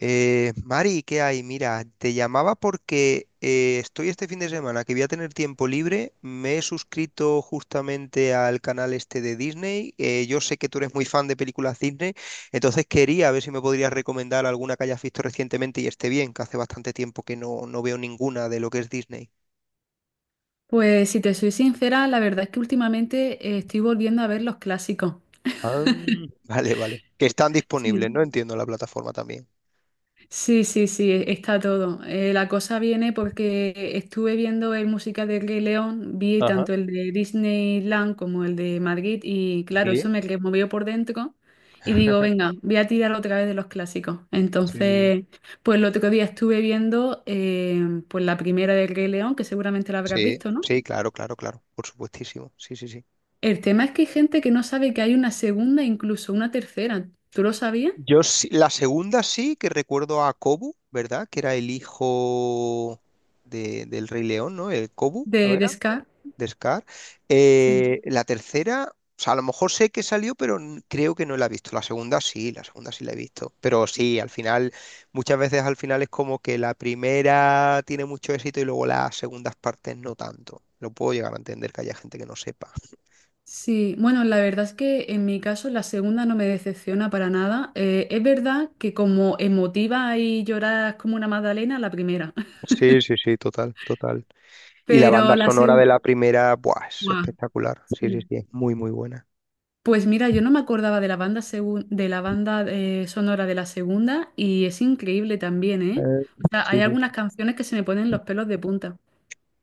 Mari, ¿qué hay? Mira, te llamaba porque estoy este fin de semana que voy a tener tiempo libre. Me he suscrito justamente al canal este de Disney. Yo sé que tú eres muy fan de películas Disney, entonces quería ver si me podrías recomendar alguna que hayas visto recientemente y esté bien, que hace bastante tiempo que no veo ninguna de lo que es Disney. Pues si te soy sincera, la verdad es que últimamente estoy volviendo a ver los clásicos. Ah. Vale, vale. Que están disponibles, Sí. ¿no? Entiendo la plataforma también. Sí, sí, sí, está todo. La cosa viene porque estuve viendo el musical de Rey León, vi Ajá, tanto el de Disneyland como el de Madrid y claro, eso sí. me removió por dentro y digo, venga, voy a tirar otra vez de los clásicos. Sí. Entonces, pues el otro día estuve viendo pues la primera del Rey León, que seguramente la habrás Sí, visto, ¿no? sí, claro, claro, claro, por supuestísimo. Sí, sí, sí. El tema es que hay gente que no sabe que hay una segunda, incluso una tercera. ¿Tú lo sabías? La segunda sí que recuerdo a Kobu, ¿verdad? Que era el hijo del Rey León, ¿no? El Kobu, ¿no De era? Scar. De Scar. Sí. La tercera, o sea, a lo mejor sé que salió, pero creo que no la he visto. La segunda sí, la segunda sí la he visto. Pero sí, al final, muchas veces al final es como que la primera tiene mucho éxito y luego las segundas partes no tanto. Lo puedo llegar a entender que haya gente que no sepa. Sí, bueno, la verdad es que en mi caso la segunda no me decepciona para nada. Es verdad que como emotiva y lloras como una magdalena, la primera. Sí, sí, sí, total, total. Y la Pero banda la sonora de segunda... la primera, buah, es espectacular. Sí, sí, Sí. sí, es muy, muy buena. Pues mira, yo no me acordaba de la banda, de la banda sonora de la segunda y es increíble también, ¿eh? Eh, O sea, hay sí, sí, sí. algunas canciones que se me ponen los pelos de punta.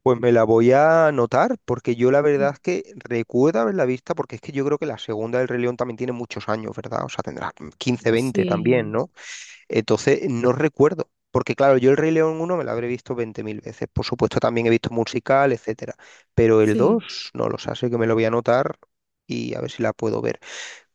Pues me la voy a anotar, porque yo la Mm. verdad es que recuerdo haberla vista, porque es que yo creo que la segunda del Rey León también tiene muchos años, ¿verdad? O sea, tendrá 15 20 también, Sí, ¿no? Entonces, no recuerdo. Porque claro, yo el Rey León uno me la habré visto 20.000 veces. Por supuesto, también he visto musical, etcétera. Pero el sí. 2 no lo sé, así que me lo voy a anotar y a ver si la puedo ver.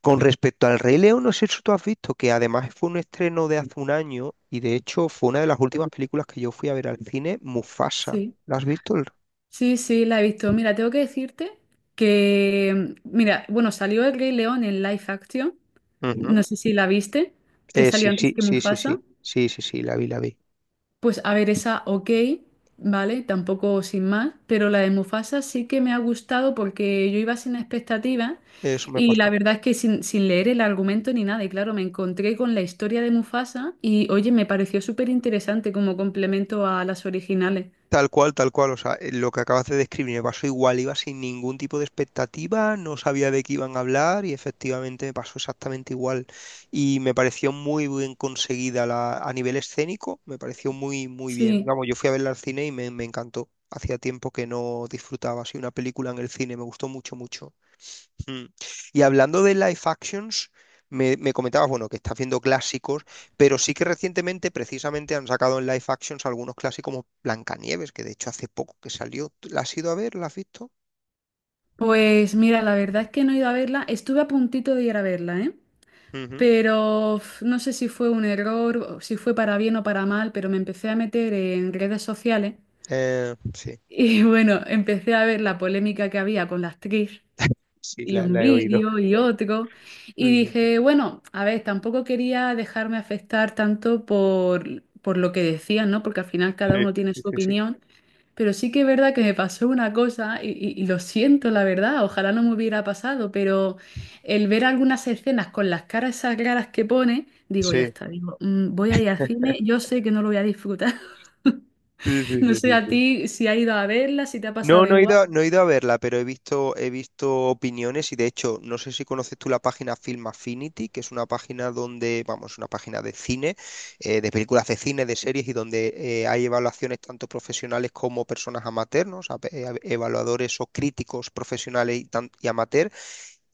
Con respecto al Rey León, no sé si tú has visto que además fue un estreno de hace un año y de hecho fue una de las últimas películas que yo fui a ver al cine, Mufasa. Sí, ¿La has visto? Sí, sí, la he visto. Mira, tengo que decirte que, mira, bueno, salió el Rey León en live action, Ujú. no sé si la viste, que salió Sí, antes sí, que sí, sí, Mufasa. sí, sí, sí, sí, la vi, la vi. Pues a ver, esa ok, ¿vale? Tampoco sin más, pero la de Mufasa sí que me ha gustado porque yo iba sin expectativas Eso me y la pasó. verdad es que sin, sin leer el argumento ni nada, y claro, me encontré con la historia de Mufasa y oye, me pareció súper interesante como complemento a las originales. Tal cual, tal cual. O sea, lo que acabas de describir me pasó igual. Iba sin ningún tipo de expectativa, no sabía de qué iban a hablar y efectivamente me pasó exactamente igual. Y me pareció muy bien conseguida a nivel escénico, me pareció muy, muy bien. Sí. Vamos, yo fui a verla al cine y me encantó. Hacía tiempo que no disfrutaba así una película en el cine, me gustó mucho, mucho. Mm. Y hablando de live actions, me comentabas, bueno, que estás viendo clásicos, pero sí que recientemente precisamente han sacado en live actions algunos clásicos como Blancanieves, que de hecho hace poco que salió. ¿La has ido a ver? ¿La has visto? Pues mira, la verdad es que no he ido a verla. Estuve a puntito de ir a verla, ¿eh? Ujú. Pero uf, no sé si fue un error, o si fue para bien o para mal, pero me empecé a meter en redes sociales Sí, y bueno, empecé a ver la polémica que había con la actriz sí, y la, un la he oído. vídeo y otro. Y Sí, dije, bueno, a ver, tampoco quería dejarme afectar tanto por lo que decían, ¿no? Porque al final sí, cada uno tiene sí, su sí, sí, opinión. Pero sí que es verdad que me pasó una cosa y lo siento, la verdad, ojalá no me hubiera pasado, pero el ver algunas escenas con las caras esas raras que pone, digo, ya sí, está, digo, "Mm, voy a ir al cine, yo sé que no lo voy a disfrutar. sí, sí, No sí, sé sí, sí, a sí. ti si has ido a verla, si te ha No, pasado no he igual. ido, no he ido a verla, pero he visto opiniones y de hecho, no sé si conoces tú la página Film Affinity, que es una página donde, vamos, una página de cine, de películas de cine, de series y donde hay evaluaciones tanto profesionales como personas amateurs, ¿no? O sea, evaluadores o críticos profesionales y, y amateur.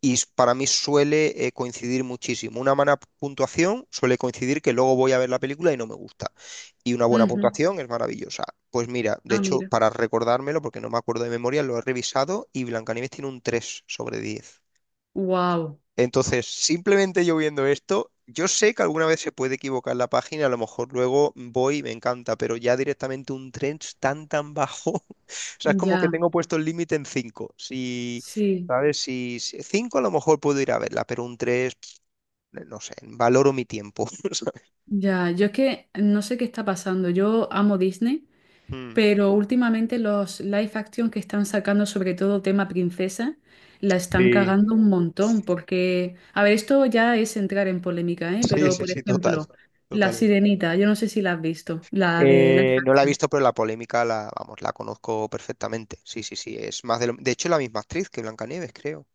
Para mí suele coincidir muchísimo. Una mala puntuación suele coincidir que luego voy a ver la película y no me gusta y una buena Ujú. puntuación es maravillosa. Pues mira, de Ah, hecho, mira. para recordármelo, porque no me acuerdo de memoria, lo he revisado y Blancanieves tiene un 3 sobre 10. Wow. Entonces, simplemente yo viendo esto, yo sé que alguna vez se puede equivocar la página, a lo mejor luego voy y me encanta, pero ya directamente un 3 tan tan bajo, o sea, es como que Ya, tengo puesto el límite en 5. Si, sí, ¿sabes? 5 a lo mejor puedo ir a verla, pero un 3 no sé, valoro mi tiempo. ¿Sabes? ya. Yo es que no sé qué está pasando. Yo amo Disney. Mm. Pero últimamente los live action que están sacando, sobre todo tema princesa, la están Sí, cagando un montón porque, a ver, esto ya es entrar en polémica, ¿eh? sí, Pero, sí, por sí, total, ejemplo, La totalmente. Sirenita, yo no sé si la has visto, la de live No la he action. visto, pero la polémica la, vamos, la conozco perfectamente. Sí, sí, sí, es más de lo... De hecho, es la misma actriz que Blancanieves, creo.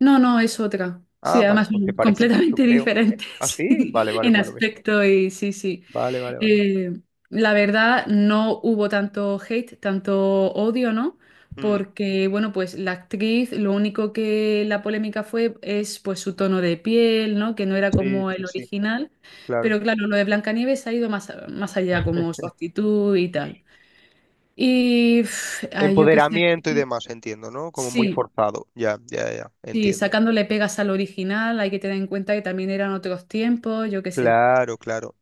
No, no, es otra. Sí, Ah, vale, además pues se son parecen mucho, completamente creo. ¿Ah, diferentes sí? Vale, vale, en por lo mismo. aspecto y sí, sí. Vale, vale, vale. Eh, la verdad, no hubo tanto hate, tanto odio, ¿no? Mm, Porque, bueno, pues la actriz, lo único que la polémica fue es pues su tono de piel, ¿no? Que no era sí, como sí, el sí, original. claro. Pero claro, lo de Blancanieves ha ido más, más allá, como su actitud y tal. Y uf, ay, yo qué sé. Empoderamiento y demás, entiendo, ¿no? Como muy Sí, forzado. Ya, ya, ya, sí, entiendo. sacándole pegas al original, hay que tener en cuenta que también eran otros tiempos, yo qué sé. Claro, claro.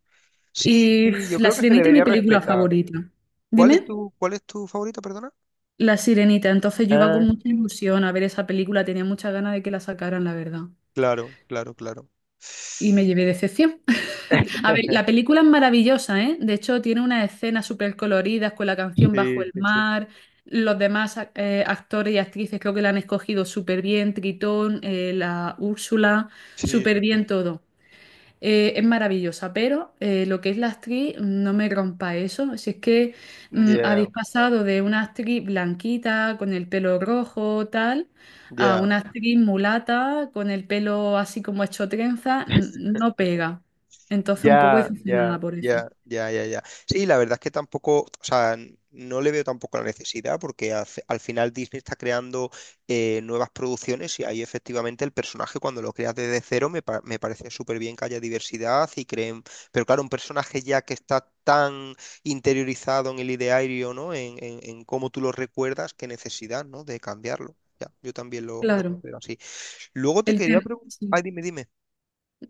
Sí, Y sí, uf, yo La creo que se Sirenita es mi debería película respetar. favorita. ¿Cuál es Dime. tu, cuál es tu favorita, perdona? La Sirenita, entonces yo iba Ah, con mucha ilusión a ver esa película, tenía muchas ganas de que la sacaran, la verdad. claro, claro, claro. Y me llevé decepción. A ver, la película es maravillosa, ¿eh? De hecho, tiene unas escenas súper coloridas con la Sí, canción Bajo el sí, sí. mar. Los demás actores y actrices creo que la han escogido súper bien. Tritón, la Úrsula, Sí, sí, súper sí. bien todo. Es maravillosa, pero lo que es la actriz, no me rompa eso. Si es que mm, Ya, habéis pasado de una actriz blanquita con el pelo rojo, tal, a ya. una actriz mulata con el pelo así como hecho trenza, mm, no pega. Entonces, un poco Ya, ya, decepcionada por eso. ya, ya, ya, ya. Sí, la verdad es que tampoco, o sea, no le veo tampoco la necesidad porque al final Disney está creando nuevas producciones y ahí efectivamente el personaje cuando lo creas desde cero me parece súper bien que haya diversidad y creen, pero claro, un personaje ya que está tan interiorizado en el ideario, ¿no? En cómo tú lo recuerdas, qué necesidad, ¿no? De cambiarlo. Ya, yo también lo Claro, considero así. Luego te el quería tema. preguntar, Sí. ay, dime, dime.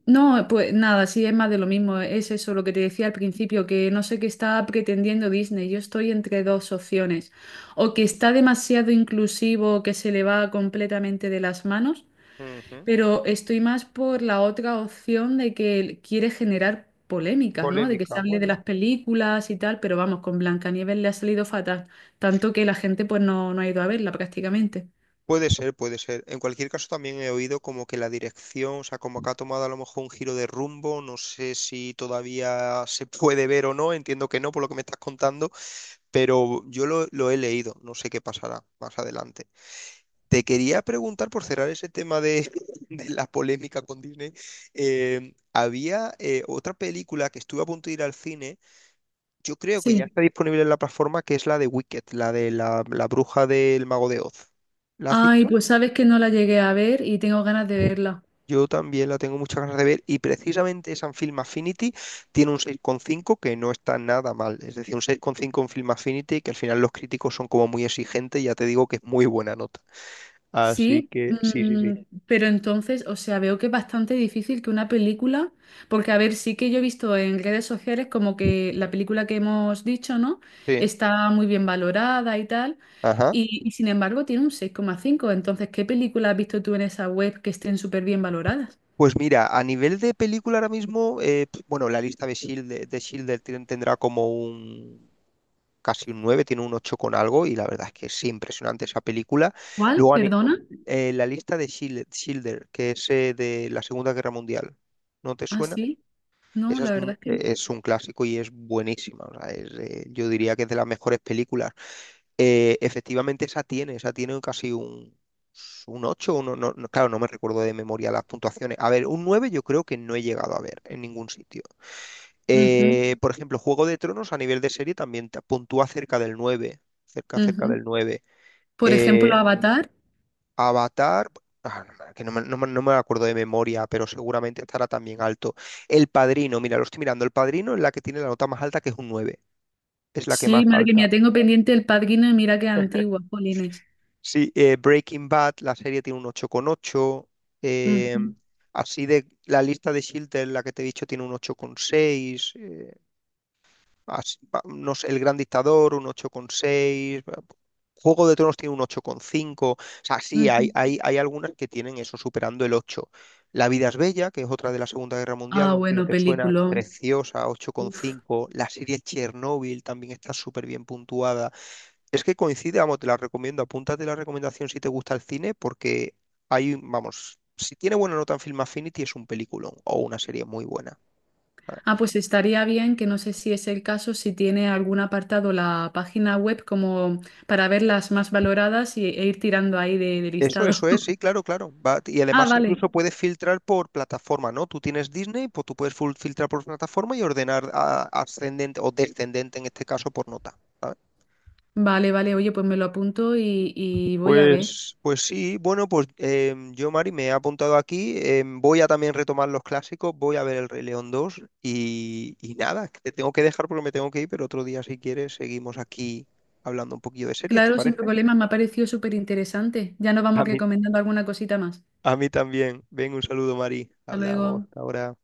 No, pues nada, sí, es más de lo mismo. Es eso lo que te decía al principio, que no sé qué está pretendiendo Disney. Yo estoy entre dos opciones. O que está demasiado inclusivo, que se le va completamente de las manos, Ujú. pero estoy más por la otra opción de que quiere generar polémicas, ¿no? De que Polémica, se hable de bueno. las películas y tal, pero vamos, con Blancanieves le ha salido fatal, tanto que la gente pues no, no ha ido a verla prácticamente. Puede ser, puede ser. En cualquier caso, también he oído como que la dirección, o sea, como que ha tomado a lo mejor un giro de rumbo. No sé si todavía se puede ver o no. Entiendo que no, por lo que me estás contando, pero yo lo he leído. No sé qué pasará más adelante. Te quería preguntar, por cerrar ese tema de, de la polémica con Disney, había otra película que estuve a punto de ir al cine. Yo creo que ya Sí. está disponible en la plataforma que es la de Wicked, la de la bruja del mago de Oz. ¿La has Ay, visto? pues sabes que no la llegué a ver y tengo ganas de verla. Yo también la tengo muchas ganas de ver y precisamente esa en Film Affinity tiene un 6,5 que no está nada mal. Es decir, un seis coma cinco en Film Affinity que al final los críticos son como muy exigentes, ya te digo que es muy buena nota. Así Sí, que sí, sí, mm, sí. pero entonces, o sea, veo que es bastante difícil que una película, porque a ver, sí que yo he visto en redes sociales como que la película que hemos dicho, ¿no? Sí. Está muy bien valorada y tal, Ajá. Y sin embargo tiene un 6,5. Entonces, ¿qué película has visto tú en esa web que estén súper bien valoradas? Pues mira, a nivel de película ahora mismo, bueno, la lista de Shield, de Schindler tendrá como un casi un 9, tiene un 8 con algo y la verdad es que es impresionante esa película. ¿Cuál? Luego ani- ¿Perdona? La lista de Schindler, que es de la Segunda Guerra Mundial, ¿no te Ah, suena? sí. No, Esa la verdad es que no. Es un clásico y es buenísima. O sea, yo diría que es de las mejores películas. Efectivamente esa tiene casi un... Un 8 no, claro, no me recuerdo de memoria las puntuaciones. A ver, un 9 yo creo que no he llegado a ver en ningún sitio. Ujú, Por ejemplo, Juego de Tronos a nivel de serie también te puntúa cerca del 9, cerca, cerca ujú. del 9. Por ejemplo, Eh, Avatar. Avatar, ah, no me- que no me, no me- no me acuerdo de memoria, pero seguramente estará también alto. El Padrino, mira, lo estoy mirando, El Padrino es la que tiene la nota más alta, que es un 9. Es la que Sí, más madre alta. mía, tengo pendiente El Padrino y mira qué antigua, Polines. Sí, Breaking Bad, la serie tiene un 8,8. eh, Así de la lista de Schindler, la que te he dicho, tiene un 8,6. No sé, El Gran Dictador, un 8,6. Juego de Tronos tiene un 8,5. O sea, sí, hay algunas que tienen eso, superando el 8. La vida es bella, que es otra de la Segunda Guerra Mundial, Ah, no sé si bueno, te suena, película. preciosa, 8,5. La serie Chernobyl también está súper bien puntuada. Es que coincide, vamos, te la recomiendo. Apúntate la recomendación si te gusta el cine, porque hay, vamos, si tiene buena nota en Film Affinity es un peliculón o una serie muy buena. Ah, pues estaría bien que no sé si es el caso, si tiene algún apartado la página web como para ver las más valoradas y, e ir tirando ahí de Eso, listado. eso es, sí, claro, claro. Y Ah, además vale. incluso puedes filtrar por plataforma, ¿no? Tú tienes Disney, pues tú puedes filtrar por plataforma y ordenar ascendente o descendente en este caso por nota, ¿sabes? Vale, vale. Oye, pues me lo apunto y voy a ver. Pues sí, bueno, pues yo, Mari, me he apuntado aquí. Voy a también retomar los clásicos, voy a ver El Rey León 2 y nada, que te tengo que dejar porque me tengo que ir, pero otro día, si quieres, seguimos aquí hablando un poquillo de series, ¿te Claro, sin parece? problemas, me ha parecido súper interesante. Ya nos A vamos mí, recomendando alguna cosita más. a mí también. Ven, un saludo, Mari. Hasta Hablamos luego. hasta ahora.